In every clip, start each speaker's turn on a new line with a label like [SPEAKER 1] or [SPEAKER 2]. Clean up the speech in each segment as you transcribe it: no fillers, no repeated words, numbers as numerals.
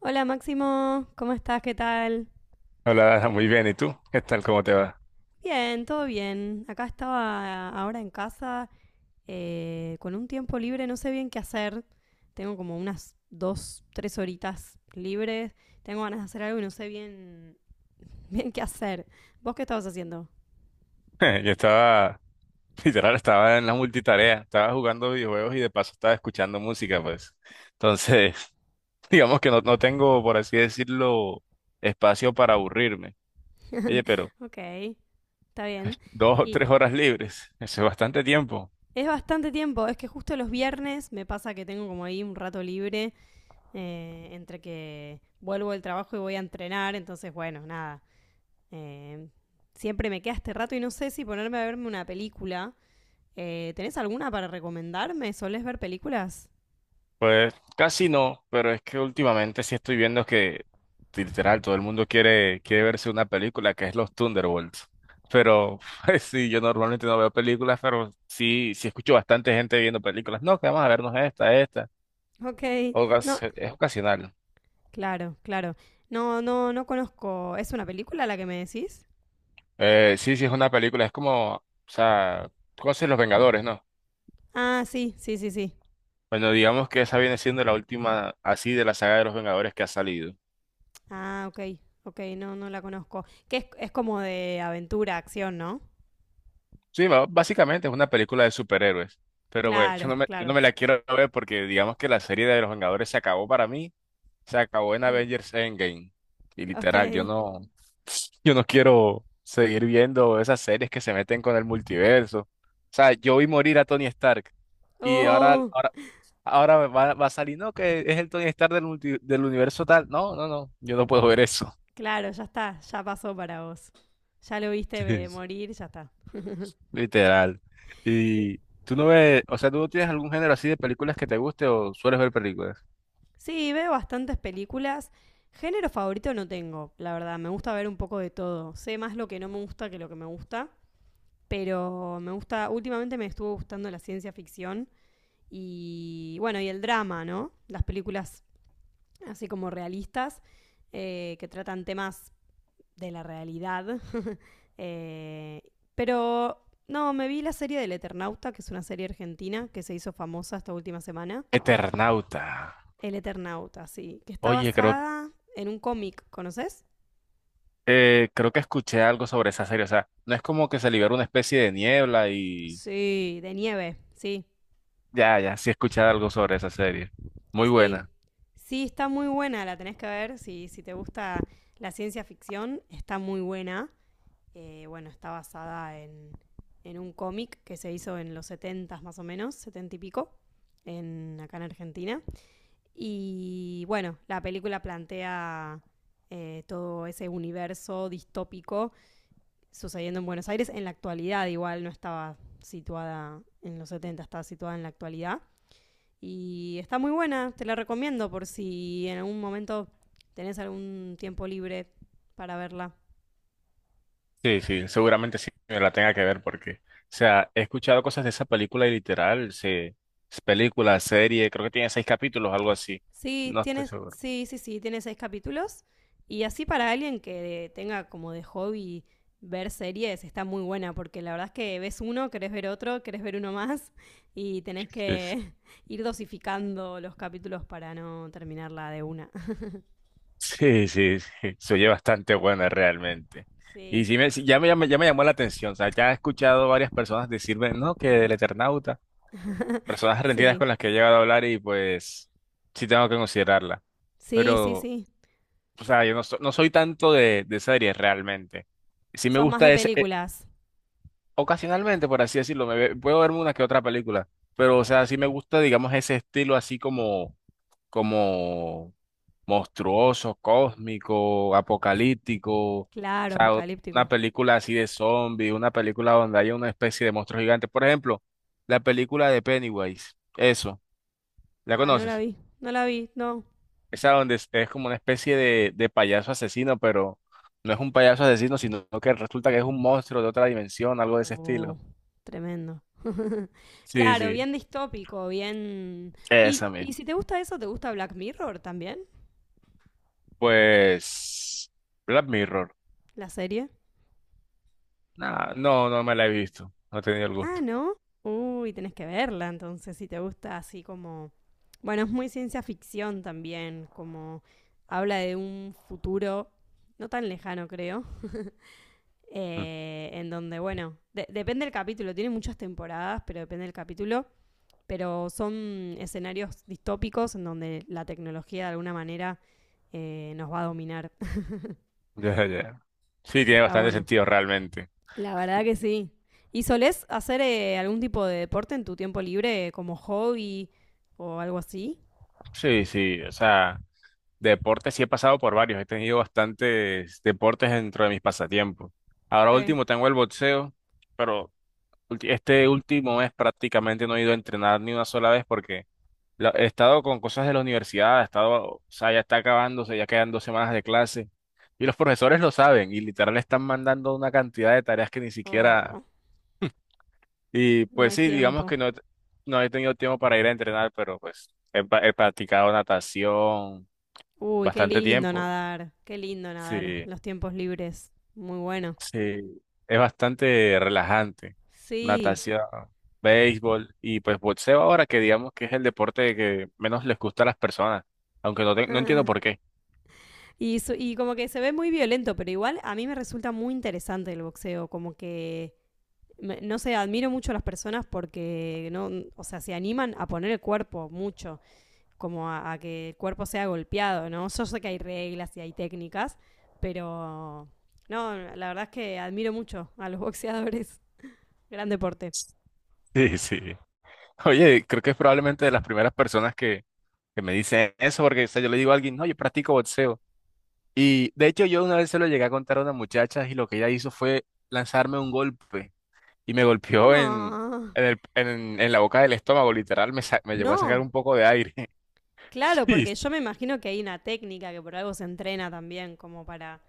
[SPEAKER 1] Hola Máximo, ¿cómo estás? ¿Qué tal?
[SPEAKER 2] Hola, Dana, muy bien. ¿Y tú? ¿Qué tal? ¿Cómo te va?
[SPEAKER 1] Bien, todo bien. Acá estaba ahora en casa, con un tiempo libre, no sé bien qué hacer. Tengo como unas dos, tres horitas libres. Tengo ganas de hacer algo y no sé bien, bien qué hacer. ¿Vos qué estabas haciendo?
[SPEAKER 2] Yo estaba, literal, estaba en la multitarea, estaba jugando videojuegos y de paso estaba escuchando música, pues. Entonces, digamos que no tengo, por así decirlo, espacio para aburrirme. Oye, pero
[SPEAKER 1] Ok, está bien.
[SPEAKER 2] dos o
[SPEAKER 1] Y
[SPEAKER 2] tres horas libres, eso es bastante tiempo.
[SPEAKER 1] es bastante tiempo, es que justo los viernes me pasa que tengo como ahí un rato libre, entre que vuelvo del trabajo y voy a entrenar, entonces bueno, nada. Eh, Siempre me queda este rato y no sé si ponerme a verme una película. ¿Tenés alguna para recomendarme? ¿Solés ver películas?
[SPEAKER 2] Pues casi no, pero es que últimamente sí estoy viendo que literal todo el mundo quiere verse una película que es Los Thunderbolts. Pero pues, sí, yo normalmente no veo películas, pero sí, sí escucho bastante gente viendo películas. No, que vamos a vernos esta, esta.
[SPEAKER 1] Ok, no,
[SPEAKER 2] Es ocasional.
[SPEAKER 1] claro, claro. No, no, no conozco. ¿Es una película la que me decís?
[SPEAKER 2] Sí, sí es una película, es como, o sea, cosas Los Vengadores, ¿no?
[SPEAKER 1] Ah, sí, sí, sí, sí.
[SPEAKER 2] Bueno, digamos que esa viene siendo la última así de la saga de Los Vengadores que ha salido.
[SPEAKER 1] Ah, ok, ok, no, no la conozco. Que es como de aventura, acción, ¿no?
[SPEAKER 2] Sí, básicamente es una película de superhéroes, pero pues,
[SPEAKER 1] Claro,
[SPEAKER 2] yo no
[SPEAKER 1] claro.
[SPEAKER 2] me la quiero ver porque digamos que la serie de los Vengadores se acabó para mí, se acabó en
[SPEAKER 1] Mm,
[SPEAKER 2] Avengers Endgame. Y
[SPEAKER 1] ok.
[SPEAKER 2] literal, yo no, yo no quiero seguir viendo esas series que se meten con el multiverso. O sea, yo vi morir a Tony Stark y
[SPEAKER 1] Oh,
[SPEAKER 2] ahora va a salir, no, que es el Tony Stark del universo tal. No, no, no, yo no puedo ver eso.
[SPEAKER 1] claro, ya está, ya pasó para vos. Ya lo viste, morir, ya está.
[SPEAKER 2] Literal. Y tú no ves, o sea, tú no tienes algún género así de películas que te guste o sueles ver películas.
[SPEAKER 1] Sí, veo bastantes películas. Género favorito no tengo, la verdad. Me gusta ver un poco de todo. Sé más lo que no me gusta que lo que me gusta. Pero me gusta, últimamente me estuvo gustando la ciencia ficción y bueno, y el drama, ¿no? Las películas así como realistas, que tratan temas de la realidad. Eh, pero no, me vi la serie del Eternauta, que es una serie argentina que se hizo famosa esta última semana.
[SPEAKER 2] Eternauta.
[SPEAKER 1] El Eternauta, sí. Que está
[SPEAKER 2] Oye, creo,
[SPEAKER 1] basada en un cómic, ¿conoces?
[SPEAKER 2] creo que escuché algo sobre esa serie. O sea, no es como que se libera una especie de niebla y
[SPEAKER 1] Sí, de nieve, sí,
[SPEAKER 2] ya, ya, sí escuché algo sobre esa serie. Muy
[SPEAKER 1] sí.
[SPEAKER 2] buena.
[SPEAKER 1] Sí, está muy buena, la tenés que ver. Si te gusta la ciencia ficción, está muy buena. Bueno, está basada en un cómic que se hizo en los 70 más o menos, 70 y pico, acá en Argentina. Y bueno, la película plantea, todo ese universo distópico sucediendo en Buenos Aires, en la actualidad igual, no estaba situada en los 70, estaba situada en la actualidad. Y está muy buena, te la recomiendo por si en algún momento tenés algún tiempo libre para verla.
[SPEAKER 2] Sí, sí, seguramente sí me la tenga que ver porque, o sea, he escuchado cosas de esa película y literal, es película, serie, creo que tiene 6 capítulos, algo así.
[SPEAKER 1] Sí,
[SPEAKER 2] No estoy
[SPEAKER 1] tienes,
[SPEAKER 2] seguro.
[SPEAKER 1] sí, sí, sí, tiene seis capítulos. Y así para alguien que tenga como de hobby ver series, está muy buena, porque la verdad es que ves uno, querés ver otro, querés ver uno más, y tenés
[SPEAKER 2] Sí.
[SPEAKER 1] que ir dosificando los capítulos para no terminarla de una.
[SPEAKER 2] Sí, sí, sí, se oye bastante buena realmente. Y
[SPEAKER 1] Sí,
[SPEAKER 2] sí, ya me llamó la atención, o sea, ya he escuchado varias personas decir, "Ven, no, que el Eternauta", personas argentinas
[SPEAKER 1] sí,
[SPEAKER 2] con las que he llegado a hablar y pues sí tengo que considerarla.
[SPEAKER 1] sí, sí,
[SPEAKER 2] Pero,
[SPEAKER 1] sí.
[SPEAKER 2] o sea, yo no, so- no soy tanto de series realmente. Sí me
[SPEAKER 1] Sos más
[SPEAKER 2] gusta
[SPEAKER 1] de
[SPEAKER 2] ese,
[SPEAKER 1] películas.
[SPEAKER 2] ocasionalmente, por así decirlo, puedo verme una que otra película, pero, o sea, sí me gusta, digamos, ese estilo así como, como monstruoso, cósmico, apocalíptico, o
[SPEAKER 1] Claro,
[SPEAKER 2] sea, una
[SPEAKER 1] apocalíptico.
[SPEAKER 2] película así de zombie, una película donde haya una especie de monstruo gigante. Por ejemplo, la película de Pennywise, eso, ¿la
[SPEAKER 1] Ah, no la
[SPEAKER 2] conoces?
[SPEAKER 1] vi, no la vi, no.
[SPEAKER 2] Esa donde es como una especie de payaso asesino, pero no es un payaso asesino, sino que resulta que es un monstruo de otra dimensión, algo de ese
[SPEAKER 1] Oh,
[SPEAKER 2] estilo.
[SPEAKER 1] tremendo.
[SPEAKER 2] Sí,
[SPEAKER 1] Claro,
[SPEAKER 2] sí,
[SPEAKER 1] bien distópico, bien... ¿Y,
[SPEAKER 2] esa
[SPEAKER 1] y
[SPEAKER 2] misma.
[SPEAKER 1] si te gusta eso, te gusta Black Mirror también?
[SPEAKER 2] Pues, Black Mirror.
[SPEAKER 1] ¿La serie?
[SPEAKER 2] Nah, no, no me la he visto, no he tenido el
[SPEAKER 1] Ah,
[SPEAKER 2] gusto.
[SPEAKER 1] ¿no? Uy, tenés que verla entonces, si te gusta así como... Bueno, es muy ciencia ficción también, como habla de un futuro no tan lejano, creo, en donde, bueno, depende del capítulo, tiene muchas temporadas, pero depende del capítulo, pero son escenarios distópicos en donde la tecnología de alguna manera, nos va a dominar.
[SPEAKER 2] Ya, ya. Sí, tiene
[SPEAKER 1] Está
[SPEAKER 2] bastante
[SPEAKER 1] bueno.
[SPEAKER 2] sentido realmente.
[SPEAKER 1] La verdad que sí. ¿Y solés hacer, algún tipo de deporte en tu tiempo libre como hobby o algo así?
[SPEAKER 2] Sí, sí, o sea, deportes sí he pasado por varios, he tenido bastantes deportes dentro de mis pasatiempos. Ahora
[SPEAKER 1] Ok.
[SPEAKER 2] último tengo el boxeo, pero este último mes prácticamente no he ido a entrenar ni una sola vez porque he estado con cosas de la universidad, he estado, o sea, ya está acabándose, ya quedan 2 semanas de clase y los profesores lo saben y literal están mandando una cantidad de tareas que ni siquiera.
[SPEAKER 1] Oh,
[SPEAKER 2] Y
[SPEAKER 1] no
[SPEAKER 2] pues
[SPEAKER 1] hay
[SPEAKER 2] sí, digamos
[SPEAKER 1] tiempo.
[SPEAKER 2] que no, no he tenido tiempo para ir a entrenar, pero pues he practicado natación
[SPEAKER 1] Uy,
[SPEAKER 2] bastante tiempo.
[SPEAKER 1] qué lindo nadar,
[SPEAKER 2] Sí,
[SPEAKER 1] los tiempos libres. Muy bueno.
[SPEAKER 2] sí, es bastante relajante.
[SPEAKER 1] Sí.
[SPEAKER 2] Natación, béisbol y pues boxeo ahora que digamos que es el deporte que menos les gusta a las personas, aunque no, no entiendo por qué.
[SPEAKER 1] Y como que se ve muy violento, pero igual a mí me resulta muy interesante el boxeo, como que, no sé, admiro mucho a las personas porque, no, o sea, se animan a poner el cuerpo mucho, como a, que el cuerpo sea golpeado, ¿no? Yo sé que hay reglas y hay técnicas, pero, no, la verdad es que admiro mucho a los boxeadores, gran deporte.
[SPEAKER 2] Sí, sí. Oye, creo que es probablemente de las primeras personas que me dicen eso, porque o sea, yo le digo a alguien, no, yo practico boxeo. Y de hecho yo una vez se lo llegué a contar a una muchacha y lo que ella hizo fue lanzarme un golpe y me golpeó
[SPEAKER 1] No,
[SPEAKER 2] en la boca del estómago, literal, me llegó a sacar
[SPEAKER 1] no,
[SPEAKER 2] un poco de aire.
[SPEAKER 1] claro, porque yo me imagino que hay una técnica que por algo se entrena también, como para,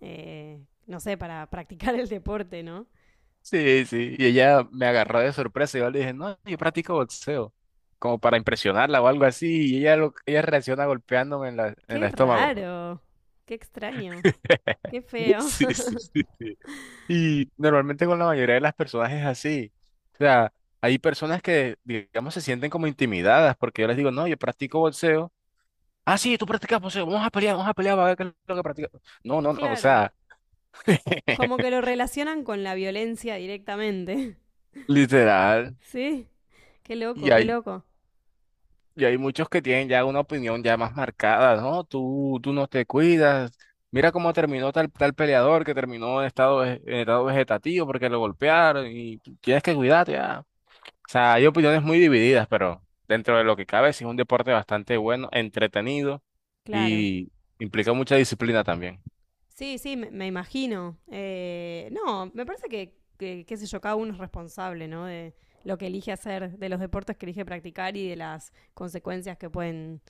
[SPEAKER 1] no sé, para practicar el deporte, ¿no?
[SPEAKER 2] Sí, sí, sí. Y ella me agarró de sorpresa y yo le dije, no, yo practico boxeo, como para impresionarla o algo así, y ella reacciona golpeándome en el
[SPEAKER 1] Qué
[SPEAKER 2] estómago.
[SPEAKER 1] raro, qué extraño, qué feo.
[SPEAKER 2] Sí, sí, sí. Y normalmente con la mayoría de las personas es así. O sea, hay personas que, digamos, se sienten como intimidadas porque yo les digo, no, yo practico boxeo. Ah, sí, tú practicas boxeo, vamos a pelear, va a ver qué es lo que practicas. No, no, no, o
[SPEAKER 1] Claro,
[SPEAKER 2] sea,
[SPEAKER 1] como que lo relacionan con la violencia directamente.
[SPEAKER 2] literal.
[SPEAKER 1] Sí, qué
[SPEAKER 2] Y
[SPEAKER 1] loco, qué
[SPEAKER 2] hay,
[SPEAKER 1] loco.
[SPEAKER 2] y hay muchos que tienen ya una opinión ya más marcada, ¿no? Tú no te cuidas. Mira cómo terminó tal, tal peleador que terminó en estado vegetativo porque lo golpearon y tienes que cuidarte, ya. O sea, hay opiniones muy divididas, pero dentro de lo que cabe, sí es un deporte bastante bueno, entretenido
[SPEAKER 1] Claro.
[SPEAKER 2] y implica mucha disciplina también.
[SPEAKER 1] Sí, sí, me imagino. No, me parece que, qué sé yo, cada uno es responsable, ¿no? De lo que elige hacer, de los deportes que elige practicar y de las consecuencias que pueden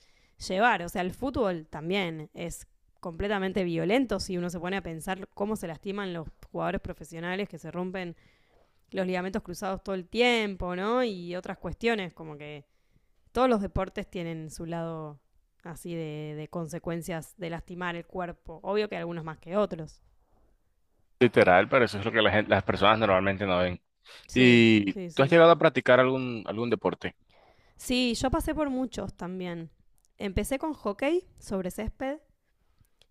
[SPEAKER 1] llevar. O sea, el fútbol también es completamente violento si uno se pone a pensar cómo se lastiman los jugadores profesionales que se rompen los ligamentos cruzados todo el tiempo, ¿no? Y otras cuestiones, como que todos los deportes tienen su lado así de consecuencias de lastimar el cuerpo. Obvio que algunos más que otros.
[SPEAKER 2] Literal, pero eso es lo que las personas normalmente no ven.
[SPEAKER 1] Sí,
[SPEAKER 2] ¿Y
[SPEAKER 1] sí,
[SPEAKER 2] tú has
[SPEAKER 1] sí.
[SPEAKER 2] llegado a practicar algún, algún deporte?
[SPEAKER 1] Sí, yo pasé por muchos también. Empecé con hockey sobre césped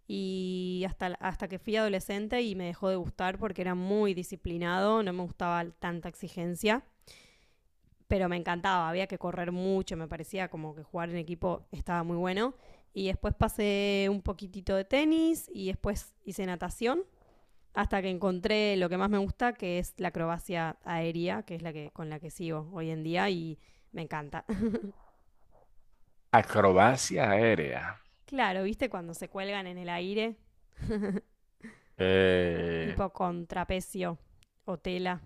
[SPEAKER 1] y hasta que fui adolescente y me dejó de gustar porque era muy disciplinado, no me gustaba tanta exigencia, pero me encantaba, había que correr mucho, me parecía como que jugar en equipo estaba muy bueno. Y después pasé un poquitito de tenis y después hice natación hasta que encontré lo que más me gusta, que es la acrobacia aérea, que es la que con la que sigo hoy en día y me encanta.
[SPEAKER 2] Acrobacia aérea.
[SPEAKER 1] Claro, ¿viste cuando se cuelgan en el aire?
[SPEAKER 2] Eh,
[SPEAKER 1] Tipo con trapecio o tela.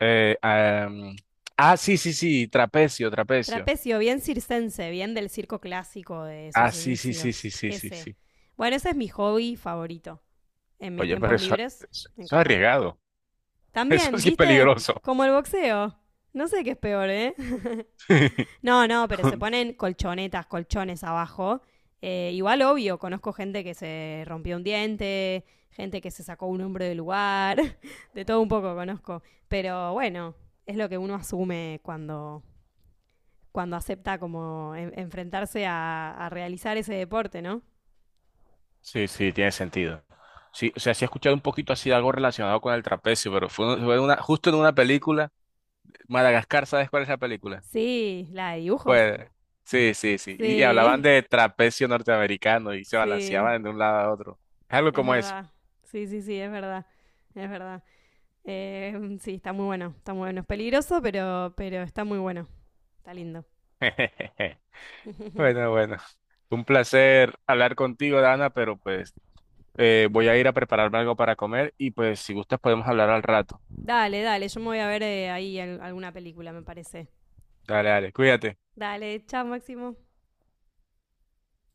[SPEAKER 2] eh, ah, mm, sí, sí, sí, trapecio, trapecio.
[SPEAKER 1] Trapecio, bien circense, bien del circo clásico de
[SPEAKER 2] Ah,
[SPEAKER 1] sus
[SPEAKER 2] sí, sí, sí, sí,
[SPEAKER 1] inicios.
[SPEAKER 2] sí, sí,
[SPEAKER 1] Ese.
[SPEAKER 2] sí.
[SPEAKER 1] Bueno, ese es mi hobby favorito. En mis
[SPEAKER 2] Oye, pero
[SPEAKER 1] tiempos libres,
[SPEAKER 2] eso
[SPEAKER 1] me
[SPEAKER 2] es
[SPEAKER 1] encanta.
[SPEAKER 2] arriesgado. Eso
[SPEAKER 1] También,
[SPEAKER 2] sí es
[SPEAKER 1] ¿viste?
[SPEAKER 2] peligroso.
[SPEAKER 1] Como el boxeo. No sé qué es peor, ¿eh? No, no, pero se ponen colchonetas, colchones abajo. Igual, obvio, conozco gente que se rompió un diente, gente que se sacó un hombro del lugar, de todo un poco conozco. Pero bueno, es lo que uno asume cuando acepta como enfrentarse a realizar ese deporte, ¿no?
[SPEAKER 2] Sí, sí, tiene sentido. Sí, o sea, sí he escuchado un poquito así de algo relacionado con el trapecio, pero fue una, justo en una película, Madagascar, ¿sabes cuál es la película?
[SPEAKER 1] Sí, la de dibujos.
[SPEAKER 2] Pues, sí, sí, sí. Y hablaban
[SPEAKER 1] Sí,
[SPEAKER 2] de trapecio norteamericano y se
[SPEAKER 1] sí,
[SPEAKER 2] balanceaban de un lado a otro. Es algo
[SPEAKER 1] es
[SPEAKER 2] como eso.
[SPEAKER 1] verdad. Sí, sí, sí, es verdad. Es verdad. Sí, está muy bueno, está muy bueno. Es peligroso, pero está muy bueno. Está lindo.
[SPEAKER 2] Bueno, bueno. Un placer hablar contigo, Dana, pero pues voy a ir a prepararme algo para comer y pues si gustas podemos hablar al rato.
[SPEAKER 1] Dale, dale, yo me voy a ver, ahí alguna película, me parece.
[SPEAKER 2] Dale, dale, cuídate.
[SPEAKER 1] Dale, chao, Máximo.